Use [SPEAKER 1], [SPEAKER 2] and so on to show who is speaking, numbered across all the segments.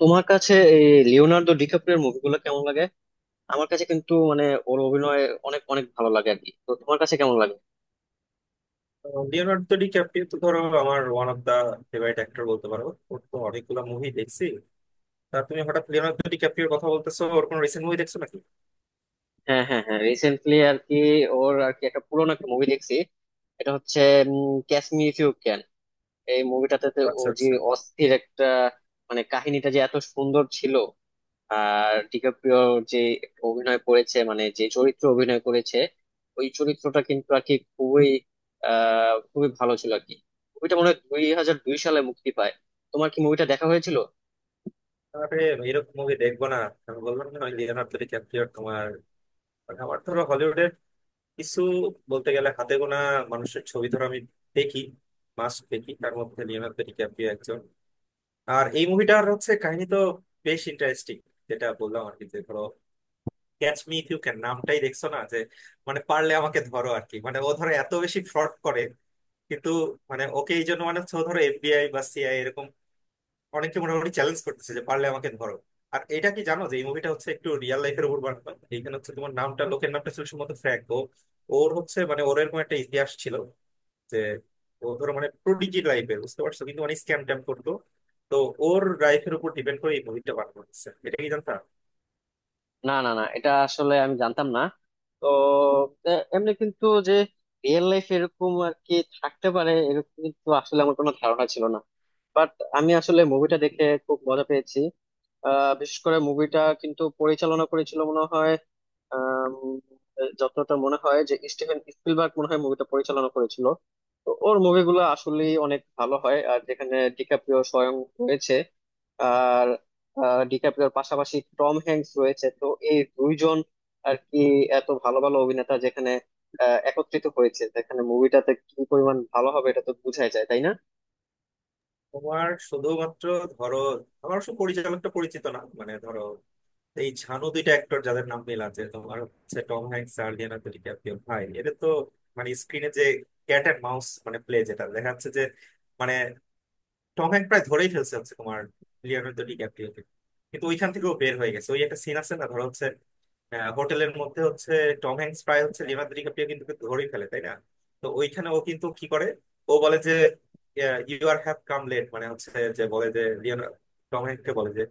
[SPEAKER 1] তোমার কাছে এই লিওনার্দো ডিক্যাপ্রিওর মুভিগুলো কেমন লাগে? আমার কাছে কিন্তু মানে ওর অভিনয় অনেক অনেক ভালো লাগে আর কি। তো তোমার কাছে কেমন লাগে?
[SPEAKER 2] লিওনার্দো ডি ক্যাপ্রিও তো ধরো আমার one of the favourite actor বলতে পারো। ওর তো অনেকগুলো মুভি দেখছি। তা তুমি হঠাৎ লিওনার্দো ডি ক্যাপ্রিওর কথা বলতেছো, ওর কোনো রিসেন্ট মুভি দেখছো নাকি?
[SPEAKER 1] হ্যাঁ হ্যাঁ হ্যাঁ, রিসেন্টলি আর কি ওর আর কি একটা পুরোনো একটা মুভি দেখছি। এটা হচ্ছে catch me if you can. এই মুভিটাতে
[SPEAKER 2] ও,
[SPEAKER 1] ও
[SPEAKER 2] আচ্ছা
[SPEAKER 1] যে
[SPEAKER 2] আচ্ছা।
[SPEAKER 1] অস্থির একটা, মানে কাহিনীটা যে এত সুন্দর ছিল। আর ডিকাপ্রিও যে অভিনয় করেছে, মানে যে চরিত্র অভিনয় করেছে ওই চরিত্রটা কিন্তু আর কি খুবই ভালো ছিল আর কি। মুভিটা মনে হয় 2002 সালে মুক্তি পায়। তোমার কি মুভিটা দেখা হয়েছিল?
[SPEAKER 2] আরে এরকম মুভি দেখবো না? আমি বললাম না লিওনার্দো ডি ক্যাপ্রিওর, তোমার মানে আমার ধরো হলিউডের কিছু বলতে গেলে হাতে গোনা মানুষের ছবি ধরো আমি দেখি, মাস দেখি, তার মধ্যে লিওনার্দো ডি ক্যাপ্রিও একজন। আর এই মুভিটার হচ্ছে কাহিনী তো বেশ ইন্টারেস্টিং। যেটা বললাম আর কি, যে ধরো catch me if you can নামটাই দেখছো না, যে মানে পারলে আমাকে ধরো আর কি। মানে ও ধরো এত বেশি ফ্রড করে কিন্তু, মানে ওকে এই জন্য মানে হচ্ছে ও ধরো এফবিআই বা সিআই এরকম অনেকে মোটামুটি চ্যালেঞ্জ করতেছে যে পারলে আমাকে ধরো। আর এটা কি জানো যে এই মুভিটা হচ্ছে একটু রিয়েল লাইফের উপর বানানো? এখানে হচ্ছে তোমার নামটা, লোকের নামটা ছিল সম্ভবত ফ্র্যাঙ্ক। ও ওর হচ্ছে মানে ওর এরকম একটা ইতিহাস ছিল যে ও ধরো মানে প্রোডিজি লাইফের, বুঝতে পারছো, কিন্তু মানে স্ক্যাম ট্যাম করতো। তো ওর লাইফের উপর ডিপেন্ড করে এই মুভিটা বানানো হচ্ছে, এটা কি জানতো?
[SPEAKER 1] না না না, এটা আসলে আমি জানতাম না। তো এমনি কিন্তু যে রিয়েল লাইফ এরকম আর কি থাকতে পারে এরকম কিন্তু আসলে আমার কোনো ধারণা ছিল না। বাট আমি আসলে মুভিটা দেখে খুব মজা পেয়েছি। বিশেষ করে মুভিটা কিন্তু পরিচালনা করেছিল মনে হয়, আম, যতটা মনে হয় যে স্টিভেন স্পিলবার্গ মনে হয় মুভিটা পরিচালনা করেছিল। তো ওর মুভিগুলো আসলে অনেক ভালো হয়, আর যেখানে ডিকাপ্রিও স্বয়ং রয়েছে আর ডিকাপ্রিওর পাশাপাশি টম হ্যাঙ্কস রয়েছে। তো এই দুইজন আর কি এত ভালো ভালো অভিনেতা যেখানে একত্রিত হয়েছে, যেখানে মুভিটাতে কি পরিমাণ ভালো হবে এটা তো বোঝাই যায়, তাই না?
[SPEAKER 2] তোমার শুধুমাত্র ধরো, আমার অবশ্য পরিচালকটা পরিচিত না। মানে ধরো এই ঝানু দুইটা অ্যাক্টর যাদের নাম মিল আছে তোমার, হচ্ছে টম হ্যাঙ্কস আর লিওনার্দো ডিক্যাপ্রিও ভাই, এদের তো মানে স্ক্রিনে যে ক্যাট এন্ড মাউস মানে প্লে যেটা দেখা যাচ্ছে, যে মানে টম হ্যাঙ্ক প্রায় ধরেই ফেলছে হচ্ছে তোমার লিওনার্দো ডিক্যাপ্রিওকে কিন্তু ওইখান থেকেও বের হয়ে গেছে। ওই একটা সিন আছে না, ধরো হচ্ছে হোটেলের মধ্যে হচ্ছে টম হ্যাঙ্কস প্রায় হচ্ছে, লিওনার্দো ডিক্যাপ্রিও কিন্তু ওকে ধরেই ফেলে তাই না? তো ওইখানে ও কিন্তু কি করে, ও বলে যে you are have come late, মানে হচ্ছে যে বলে যে লিওনার্দো টম হ্যাঙ্ককে বলে যে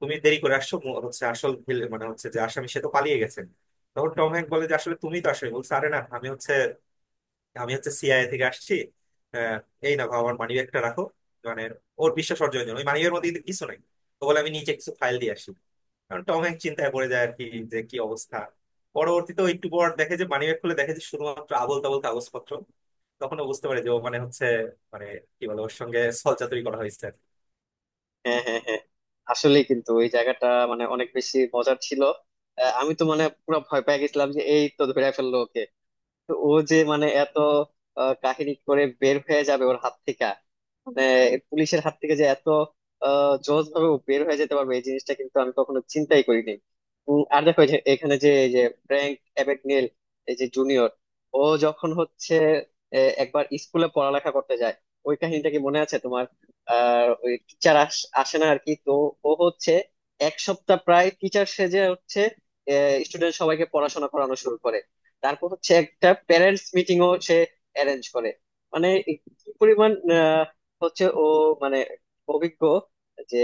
[SPEAKER 2] তুমি দেরি করে আসছো, হচ্ছে আসল মানে হচ্ছে যে আসামি সে তো পালিয়ে গেছে। তখন টম হ্যাঙ্ক বলে যে আসলে তুমি তো, আসলে বলছে আরে না আমি হচ্ছে, আমি হচ্ছে সিআইএ থেকে আসছি। আহ, এই না বাবা আমার মানিব্যাগটা রাখো। মানে ওর বিশ্বাস অর্জনের জন্য, ওই মানিব্যাগের মধ্যে কিন্তু কিছু নাই। তো বলে আমি নিচে কিছু ফাইল দিয়ে আসি, কারণ টম হ্যাঙ্ক চিন্তায় পড়ে যায় আর কি, যে কি অবস্থা। পরবর্তীতে ও একটু পর দেখে, যে মানিব্যাগ খুলে দেখে যে শুধুমাত্র আবোল তাবোল কাগজপত্র। তখন ও বুঝতে পারে যে ও মানে হচ্ছে মানে কি বলে, ওর সঙ্গে ছলচাতুরি করা হয়েছে।
[SPEAKER 1] হ্যাঁ হ্যাঁ হ্যাঁ, আসলে কিন্তু ওই জায়গাটা মানে অনেক বেশি মজার ছিল। আমি তো মানে পুরো ভয় পেয়ে গেছিলাম যে এই তো ধরে ফেললো ওকে। তো ও যে মানে এত কাহিনী করে বের হয়ে যাবে ওর হাত থেকে, মানে পুলিশের হাত থেকে, যে এত সহজ ভাবে বের হয়ে যেতে পারবে এই জিনিসটা কিন্তু আমি কখনো চিন্তাই করিনি। আর দেখো এই যে এখানে যে এই যে ফ্র্যাঙ্ক অ্যাবাগনেল এই যে জুনিয়র, ও যখন হচ্ছে একবার স্কুলে পড়ালেখা করতে যায় ওই কাহিনীটা কি মনে আছে তোমার? আর ওই টিচার আসে না আর কি, তো ও হচ্ছে এক সপ্তাহ প্রায় টিচার সেজে হচ্ছে স্টুডেন্ট সবাইকে পড়াশোনা করানো শুরু করে। তারপর হচ্ছে একটা প্যারেন্টস মিটিংও সে অ্যারেঞ্জ করে, মানে কি পরিমাণ হচ্ছে ও মানে অভিজ্ঞ যে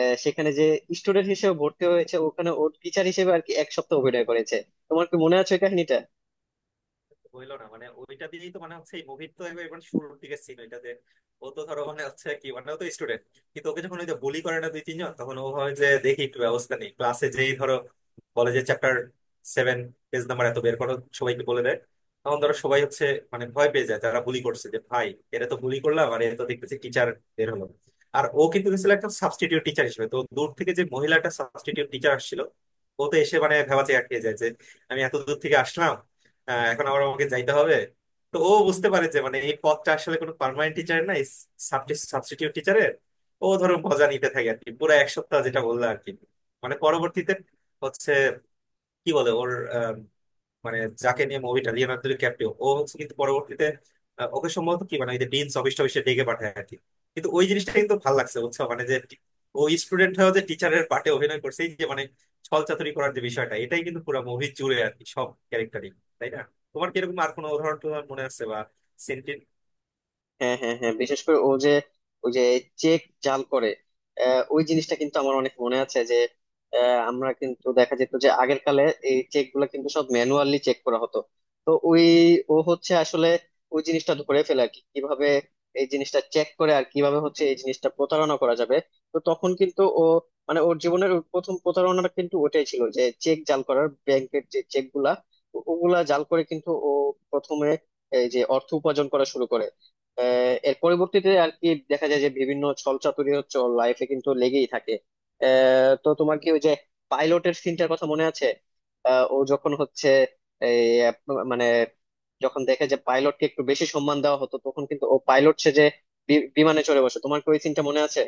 [SPEAKER 1] সেখানে যে স্টুডেন্ট হিসেবে ভর্তি হয়েছে ওখানে ওর টিচার হিসেবে আর কি এক সপ্তাহ অভিনয় করেছে। তোমার কি মনে আছে ওই কাহিনীটা?
[SPEAKER 2] বললো না, মানে ওইটা দিয়েই তো মানে হচ্ছে এই মুভির তো একবার মানে শুরুর দিকে সিন ওইটা, যে ও তো ধরো মানে হচ্ছে কি মানে ও তো স্টুডেন্ট কিন্তু ওকে যখন ওই যে বুলি করে না দুই তিনজন, তখন ও হয় যে দেখি একটু ব্যবস্থা নেই ক্লাসে। যেই ধরো বলে যে চ্যাপ্টার 7, পেজ নাম্বার এত বের করো, সবাইকে বলে দেয়, তখন ধরো সবাই হচ্ছে মানে ভয় পেয়ে যায়। যারা বুলি করছে, যে ভাই এরা তো বুলি করলাম, আর এরা তো দেখতেছি টিচার বের হলো। আর ও কিন্তু গেছিল একটা সাবস্টিটিউট টিচার হিসেবে। তো দূর থেকে যে মহিলাটা সাবস্টিটিউট টিচার আসছিল, ও তো এসে মানে ভেবাচে আটকে যায় যে আমি এত দূর থেকে আসলাম, হ্যাঁ, এখন আবার আমাকে যাইতে হবে। তো ও বুঝতে পারে যে মানে এই পদটা আসলে কোনো পার্মানেন্ট টিচার না, সাবস্টিটিউট টিচারের। ও ধরো মজা নিতে থাকে আর কি পুরো এক সপ্তাহ, যেটা বললো আর কি। মানে পরবর্তীতে হচ্ছে কি বলে ওর, মানে যাকে নিয়ে মুভিটা, লিওনার্দো ক্যাপ্রিও ও হচ্ছে কিন্তু পরবর্তীতে ওকে সম্ভবত কি মানে ওই যে ডিনস অফিস টফিসে ডেকে পাঠায় আর কি। কিন্তু ওই জিনিসটা কিন্তু ভালো লাগছে বুঝছো, মানে যে ও স্টুডেন্ট হয়েও যে টিচারের পার্টে অভিনয় করছে। এই যে মানে ছল চাতুরি করার যে বিষয়টা, এটাই কিন্তু পুরো মুভি জুড়ে আর কি, সব ক্যারেক্টারই, তাই না? তোমার কি এরকম আর কোনো উদাহরণ টুদাহরণ মনে আছে বা?
[SPEAKER 1] হ্যাঁ হ্যাঁ হ্যাঁ, বিশেষ করে ও যে ওই যে চেক জাল করে, ওই জিনিসটা কিন্তু আমার অনেক মনে আছে। যে আমরা কিন্তু দেখা যেত যে আগের কালে এই চেক গুলা কিন্তু সব ম্যানুয়ালি চেক করা হতো। তো ওই ও হচ্ছে আসলে ওই জিনিসটা ধরে ফেলে আর কি কিভাবে এই জিনিসটা চেক করে আর কিভাবে হচ্ছে এই জিনিসটা প্রতারণা করা যাবে। তো তখন কিন্তু ও মানে ওর জীবনের ওর প্রথম প্রতারণাটা কিন্তু ওটাই ছিল, যে চেক জাল করার, ব্যাংকের যে চেক গুলা ওগুলা জাল করে কিন্তু ও প্রথমে এই যে অর্থ উপার্জন করা শুরু করে। এর পরবর্তীতে আর কি দেখা যায় যে বিভিন্ন ছলচাতুরি হচ্ছে ওর লাইফে কিন্তু লেগেই থাকে। তো তোমার কি ওই যে পাইলটের সিনটার কথা মনে আছে? ও যখন হচ্ছে মানে যখন দেখে যে পাইলটকে একটু বেশি সম্মান দেওয়া হতো, তখন কিন্তু ও পাইলট সে যে বিমানে চড়ে বসে, তোমার কি ওই সিনটা মনে আছে?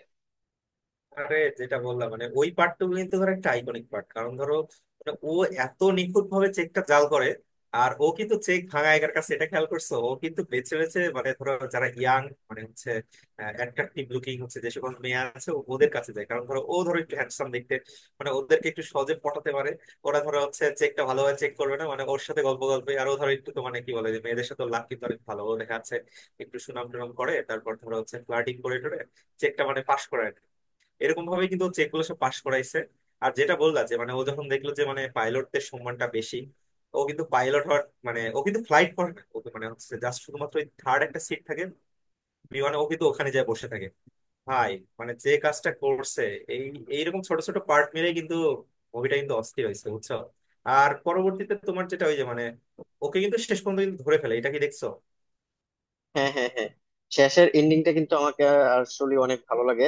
[SPEAKER 2] আরে, যেটা বললাম মানে ওই পার্টটুকু কিন্তু ধর একটা আইকনিক পার্ট, কারণ ধরো ওটা ও এত নিখুঁত ভাবে চেকটা জাল করে। আর ও কিন্তু চেক ভাঙা একার কাছে, এটা খেয়াল করছো? ও কিন্তু বেছে বেছে মানে ধরো যারা ইয়াং মানে হচ্ছে অ্যাট্রাকটিভ লুকিং হচ্ছে, যে সকল মেয়ে আছে ওদের কাছে যায়, কারণ ধরো ও ধরো একটু হ্যান্ডসাম দেখতে, মানে ওদেরকে একটু সহজে পটাতে পারে। ওরা ধরো হচ্ছে চেকটা ভালোভাবে চেক করবে না, মানে ওর সাথে গল্প গল্পে, আর ও ধরো একটু তো মানে কি বলে যে মেয়েদের সাথে লাভ কিন্তু অনেক ভালো ও দেখা যাচ্ছে, একটু সুনাম টুনাম করে তারপর ধরো হচ্ছে ফ্লার্টিং করে টোরে চেকটা মানে পাশ করে। এরকম ভাবে কিন্তু হচ্ছে এগুলো সব পাশ করাইছে। আর যেটা বললা যে মানে ও যখন দেখলো যে মানে পাইলটদের সম্মানটা বেশি, ও কিন্তু পাইলট হওয়ার, মানে ও কিন্তু ফ্লাইট করে না, ও তো মানে হচ্ছে জাস্ট শুধুমাত্র ওই থার্ড একটা সিট থাকে বিমানে, ও কিন্তু ওখানে যায় বসে থাকে ভাই। মানে যে কাজটা করছে, এই এইরকম ছোট ছোট পার্ট মিলে কিন্তু মুভিটা কিন্তু অস্থির হয়েছে বুঝছো। আর পরবর্তীতে তোমার যেটা ওই যে মানে ওকে কিন্তু শেষ পর্যন্ত কিন্তু ধরে ফেলে, এটা কি দেখছো?
[SPEAKER 1] হ্যাঁ হ্যাঁ হ্যাঁ, শেষের এন্ডিংটা কিন্তু আমাকে আসলে অনেক ভালো লাগে।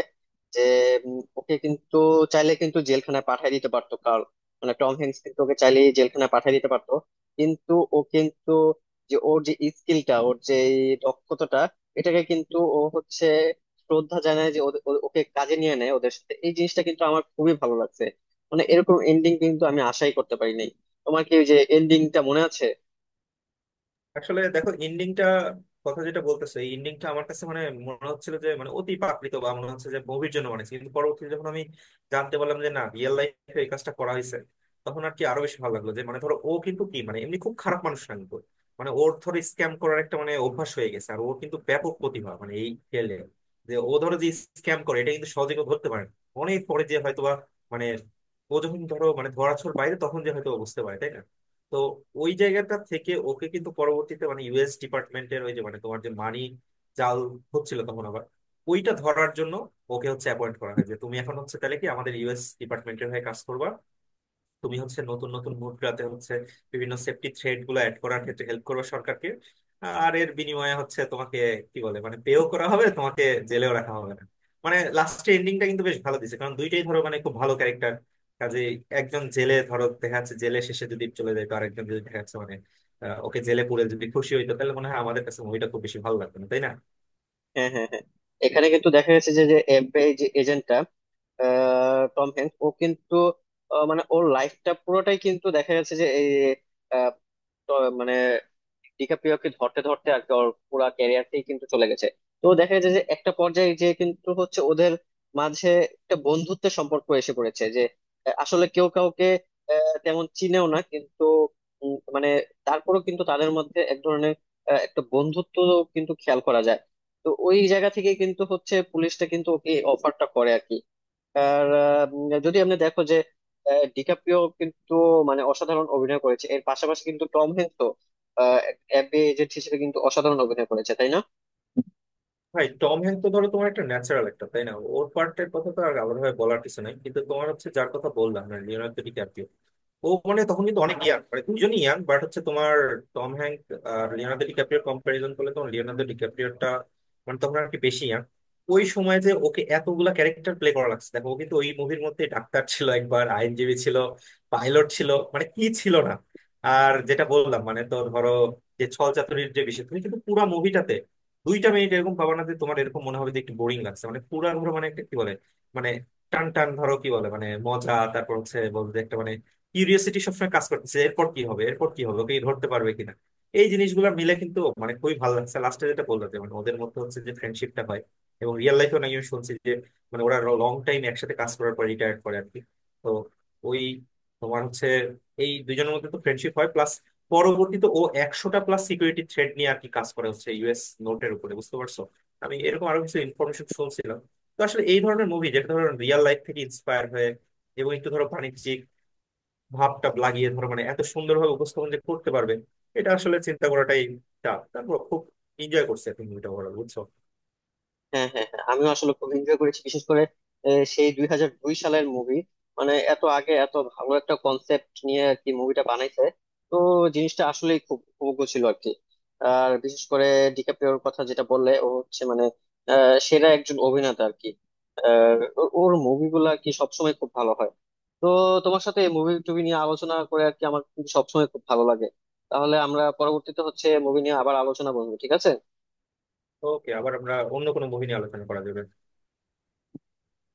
[SPEAKER 1] যে ওকে কিন্তু চাইলে কিন্তু জেলখানায় পাঠিয়ে দিতে পারতো কার্ল, মানে টম হ্যাঙ্কস কিন্তু ওকে চাইলে জেলখানায় পাঠিয়ে দিতে পারতো। কিন্তু ও কিন্তু, যে ওর যে স্কিলটা, ওর যে এই দক্ষতাটা, এটাকে কিন্তু ও হচ্ছে শ্রদ্ধা জানায় যে ওকে কাজে নিয়ে নেয় ওদের সাথে। এই জিনিসটা কিন্তু আমার খুবই ভালো লাগছে। মানে এরকম এন্ডিং কিন্তু আমি আশাই করতে পারিনি। তোমার কি ওই যে এন্ডিংটা মনে আছে?
[SPEAKER 2] আসলে দেখো এন্ডিংটা, কথা যেটা বলতেছে, এই এন্ডিংটা আমার কাছে মানে মনে হচ্ছিল যে মানে অতি প্রাকৃত বা মনে হচ্ছে যে মুভির জন্য বানিয়েছে, কিন্তু পরবর্তীতে যখন আমি জানতে পারলাম যে না, রিয়েল লাইফে এই কাজটা করা হয়েছে, তখন আর কি আরো বেশি ভালো লাগলো, যে মানে ধরো ও কিন্তু কি মানে এমনি খুব খারাপ মানুষ না কিন্তু মানে ওর ধরো স্ক্যাম করার একটা মানে অভ্যাস হয়ে গেছে আর ওর কিন্তু ব্যাপক প্রতিভা মানে এই ফিল্ডে, যে ও ধরো যে স্ক্যাম করে এটা কিন্তু সহজে কেউ ধরতে পারে না। অনেক পরে যে হয়তোবা মানে ও যখন ধরো মানে ধরাছোঁয়ার বাইরে, তখন যে হয়তো ও বুঝতে পারে, তাই না? তো ওই জায়গাটা থেকে ওকে কিন্তু পরবর্তীতে মানে ইউএস ডিপার্টমেন্টের ওই যে মানে তোমার যে মানি জাল হচ্ছিল তখন আবার, ওইটা ধরার জন্য ওকে হচ্ছে অ্যাপয়েন্ট করা হয় যে তুমি এখন হচ্ছে তাহলে কি আমাদের ইউএস ডিপার্টমেন্টের হয়ে কাজ করবা? তুমি হচ্ছে নতুন নতুন মুদ্রাতে হচ্ছে বিভিন্ন সেফটি থ্রেড গুলো অ্যাড করার ক্ষেত্রে হেল্প করবে সরকারকে। আর এর বিনিময়ে হচ্ছে তোমাকে কি বলে মানে পেও করা হবে তোমাকে, জেলেও রাখা হবে না। মানে লাস্টের এন্ডিংটা কিন্তু বেশ ভালো দিছে, কারণ দুইটাই ধরো মানে খুব ভালো ক্যারেক্টার কাজে। একজন জেলে ধরো দেখা যাচ্ছে জেলে শেষে যদি চলে যায়, তো আরেকজন যদি দেখা যাচ্ছে মানে ওকে জেলে পুরে যদি খুশি হইতো, তাহলে মনে হয় আমাদের কাছে মুভিটা খুব বেশি ভালো লাগতো না, তাই না?
[SPEAKER 1] হ্যাঁ হ্যাঁ হ্যাঁ, এখানে কিন্তু দেখা গেছে যে যে এফবিআই যে এজেন্টটা টম হ্যাঙ্কস, ও কিন্তু মানে ওর লাইফটা পুরোটাই কিন্তু দেখা গেছে যে এই আহ, মানে ডিকাপ্রিওকে ধরতে ধরতে আর কি ওর পুরা ক্যারিয়ারটাই কিন্তু চলে গেছে। তো দেখা যায় যে একটা পর্যায়ে যে কিন্তু হচ্ছে ওদের মাঝে একটা বন্ধুত্বের সম্পর্ক এসে পড়েছে। যে আসলে কেউ কাউকে তেমন চিনেও না কিন্তু মানে তারপরেও কিন্তু তাদের মধ্যে এক ধরনের একটা বন্ধুত্ব কিন্তু খেয়াল করা যায়। তো ওই জায়গা থেকে কিন্তু হচ্ছে পুলিশটা কিন্তু ওকে অফারটা করে আর কি। আর যদি আপনি দেখো যে ডিকাপ্রিও কিন্তু মানে অসাধারণ অভিনয় করেছে, এর পাশাপাশি কিন্তু টম হ্যাঙ্কসও অ্যাপে এজেন্ট হিসেবে কিন্তু অসাধারণ অভিনয় করেছে, তাই না?
[SPEAKER 2] ভাই টম হ্যাঙ্ক তো ধরো তোমার একটা ন্যাচারাল একটা, তাই না? ওর পার্টের কথা তো আর আলাদাভাবে বলার কিছু নাই। কিন্তু তোমার হচ্ছে যার কথা বললাম না, লিওনার্দো ডিক্যাপ্রিও, ও মানে তখন কিন্তু অনেক ইয়াং, মানে দুজনই ইয়াং বাট হচ্ছে তোমার টম হ্যাঙ্ক আর লিওনার্দো ডিক্যাপ্রিওর কম্পারিজন করলে, তখন লিওনার্দো ডিক্যাপ্রিওরটা মানে তখন আর কি বেশি ইয়াং। ওই সময় যে ওকে এতগুলা ক্যারেক্টার প্লে করা লাগছে, দেখো ও কিন্তু ওই মুভির মধ্যে ডাক্তার ছিল, একবার আইনজীবী ছিল, পাইলট ছিল, মানে কি ছিল না! আর যেটা বললাম, মানে তো ধরো যে ছল চাতুরির যে বিষয়, তুমি কিন্তু পুরো মুভিটাতে দুইটা মিনিট এরকম পাবা না যে তোমার এরকম মনে হবে যে একটু বোরিং লাগছে। মানে পুরা ধরো মানে একটা কি বলে মানে টান টান ধরো কি বলে মানে মজা, তারপর হচ্ছে বলতে একটা মানে কিউরিয়াসিটি সবসময় কাজ করতেছে, এরপর কি হবে এরপর কি হবে, ওকে ধরতে পারবে কিনা। এই জিনিসগুলো মিলে কিন্তু মানে খুবই ভালো লাগছে। লাস্টে যেটা বললো যে মানে ওদের মধ্যে হচ্ছে যে ফ্রেন্ডশিপটা হয়, এবং রিয়েল লাইফেও নাকি আমি শুনছি যে মানে ওরা লং টাইম একসাথে কাজ করার পর রিটায়ার করে আর কি। তো ওই তোমার হচ্ছে এই দুজনের মধ্যে তো ফ্রেন্ডশিপ হয় প্লাস পরবর্তীতে ও 100টা প্লাস সিকিউরিটি থ্রেড নিয়ে আর কি কাজ করে হচ্ছে ইউএস নোটের উপরে, বুঝতে পারছো? আমি এরকম আরো কিছু ইনফরমেশন শুনছিলাম। তো আসলে এই ধরনের মুভি যেটা ধরো রিয়েল লাইফ থেকে ইন্সপায়ার হয়ে এবং একটু ধরো বাণিজ্যিক ভাবটা লাগিয়ে ধরো মানে এত সুন্দরভাবে উপস্থাপন যে করতে পারবে, এটা আসলে চিন্তা করাটাই চাপ। তারপর খুব এনজয় করছে এখন মুভিটা ওভারঅল, বুঝছো?
[SPEAKER 1] হ্যাঁ হ্যাঁ হ্যাঁ, আমিও আসলে খুব এনজয় করেছি। বিশেষ করে সেই 2002 সালের মুভি, মানে এত আগে এত ভালো একটা কনসেপ্ট নিয়ে আর কি মুভিটা বানাইছে। তো জিনিসটা আসলেই খুব উপভোগ্য ছিল আর কি। আর বিশেষ করে ডিকাপ্রিওর কথা যেটা বললে, ও হচ্ছে মানে সেরা একজন অভিনেতা আর কি। ওর মুভিগুলা কি সবসময় খুব ভালো হয়। তো তোমার সাথে মুভি টুভি নিয়ে আলোচনা করে আর কি আমার কিন্তু সবসময় খুব ভালো লাগে। তাহলে আমরা পরবর্তীতে হচ্ছে মুভি নিয়ে আবার আলোচনা করবো, ঠিক আছে?
[SPEAKER 2] ওকে, আবার আমরা অন্য কোনো মুভি নিয়ে আলোচনা করা যাবে।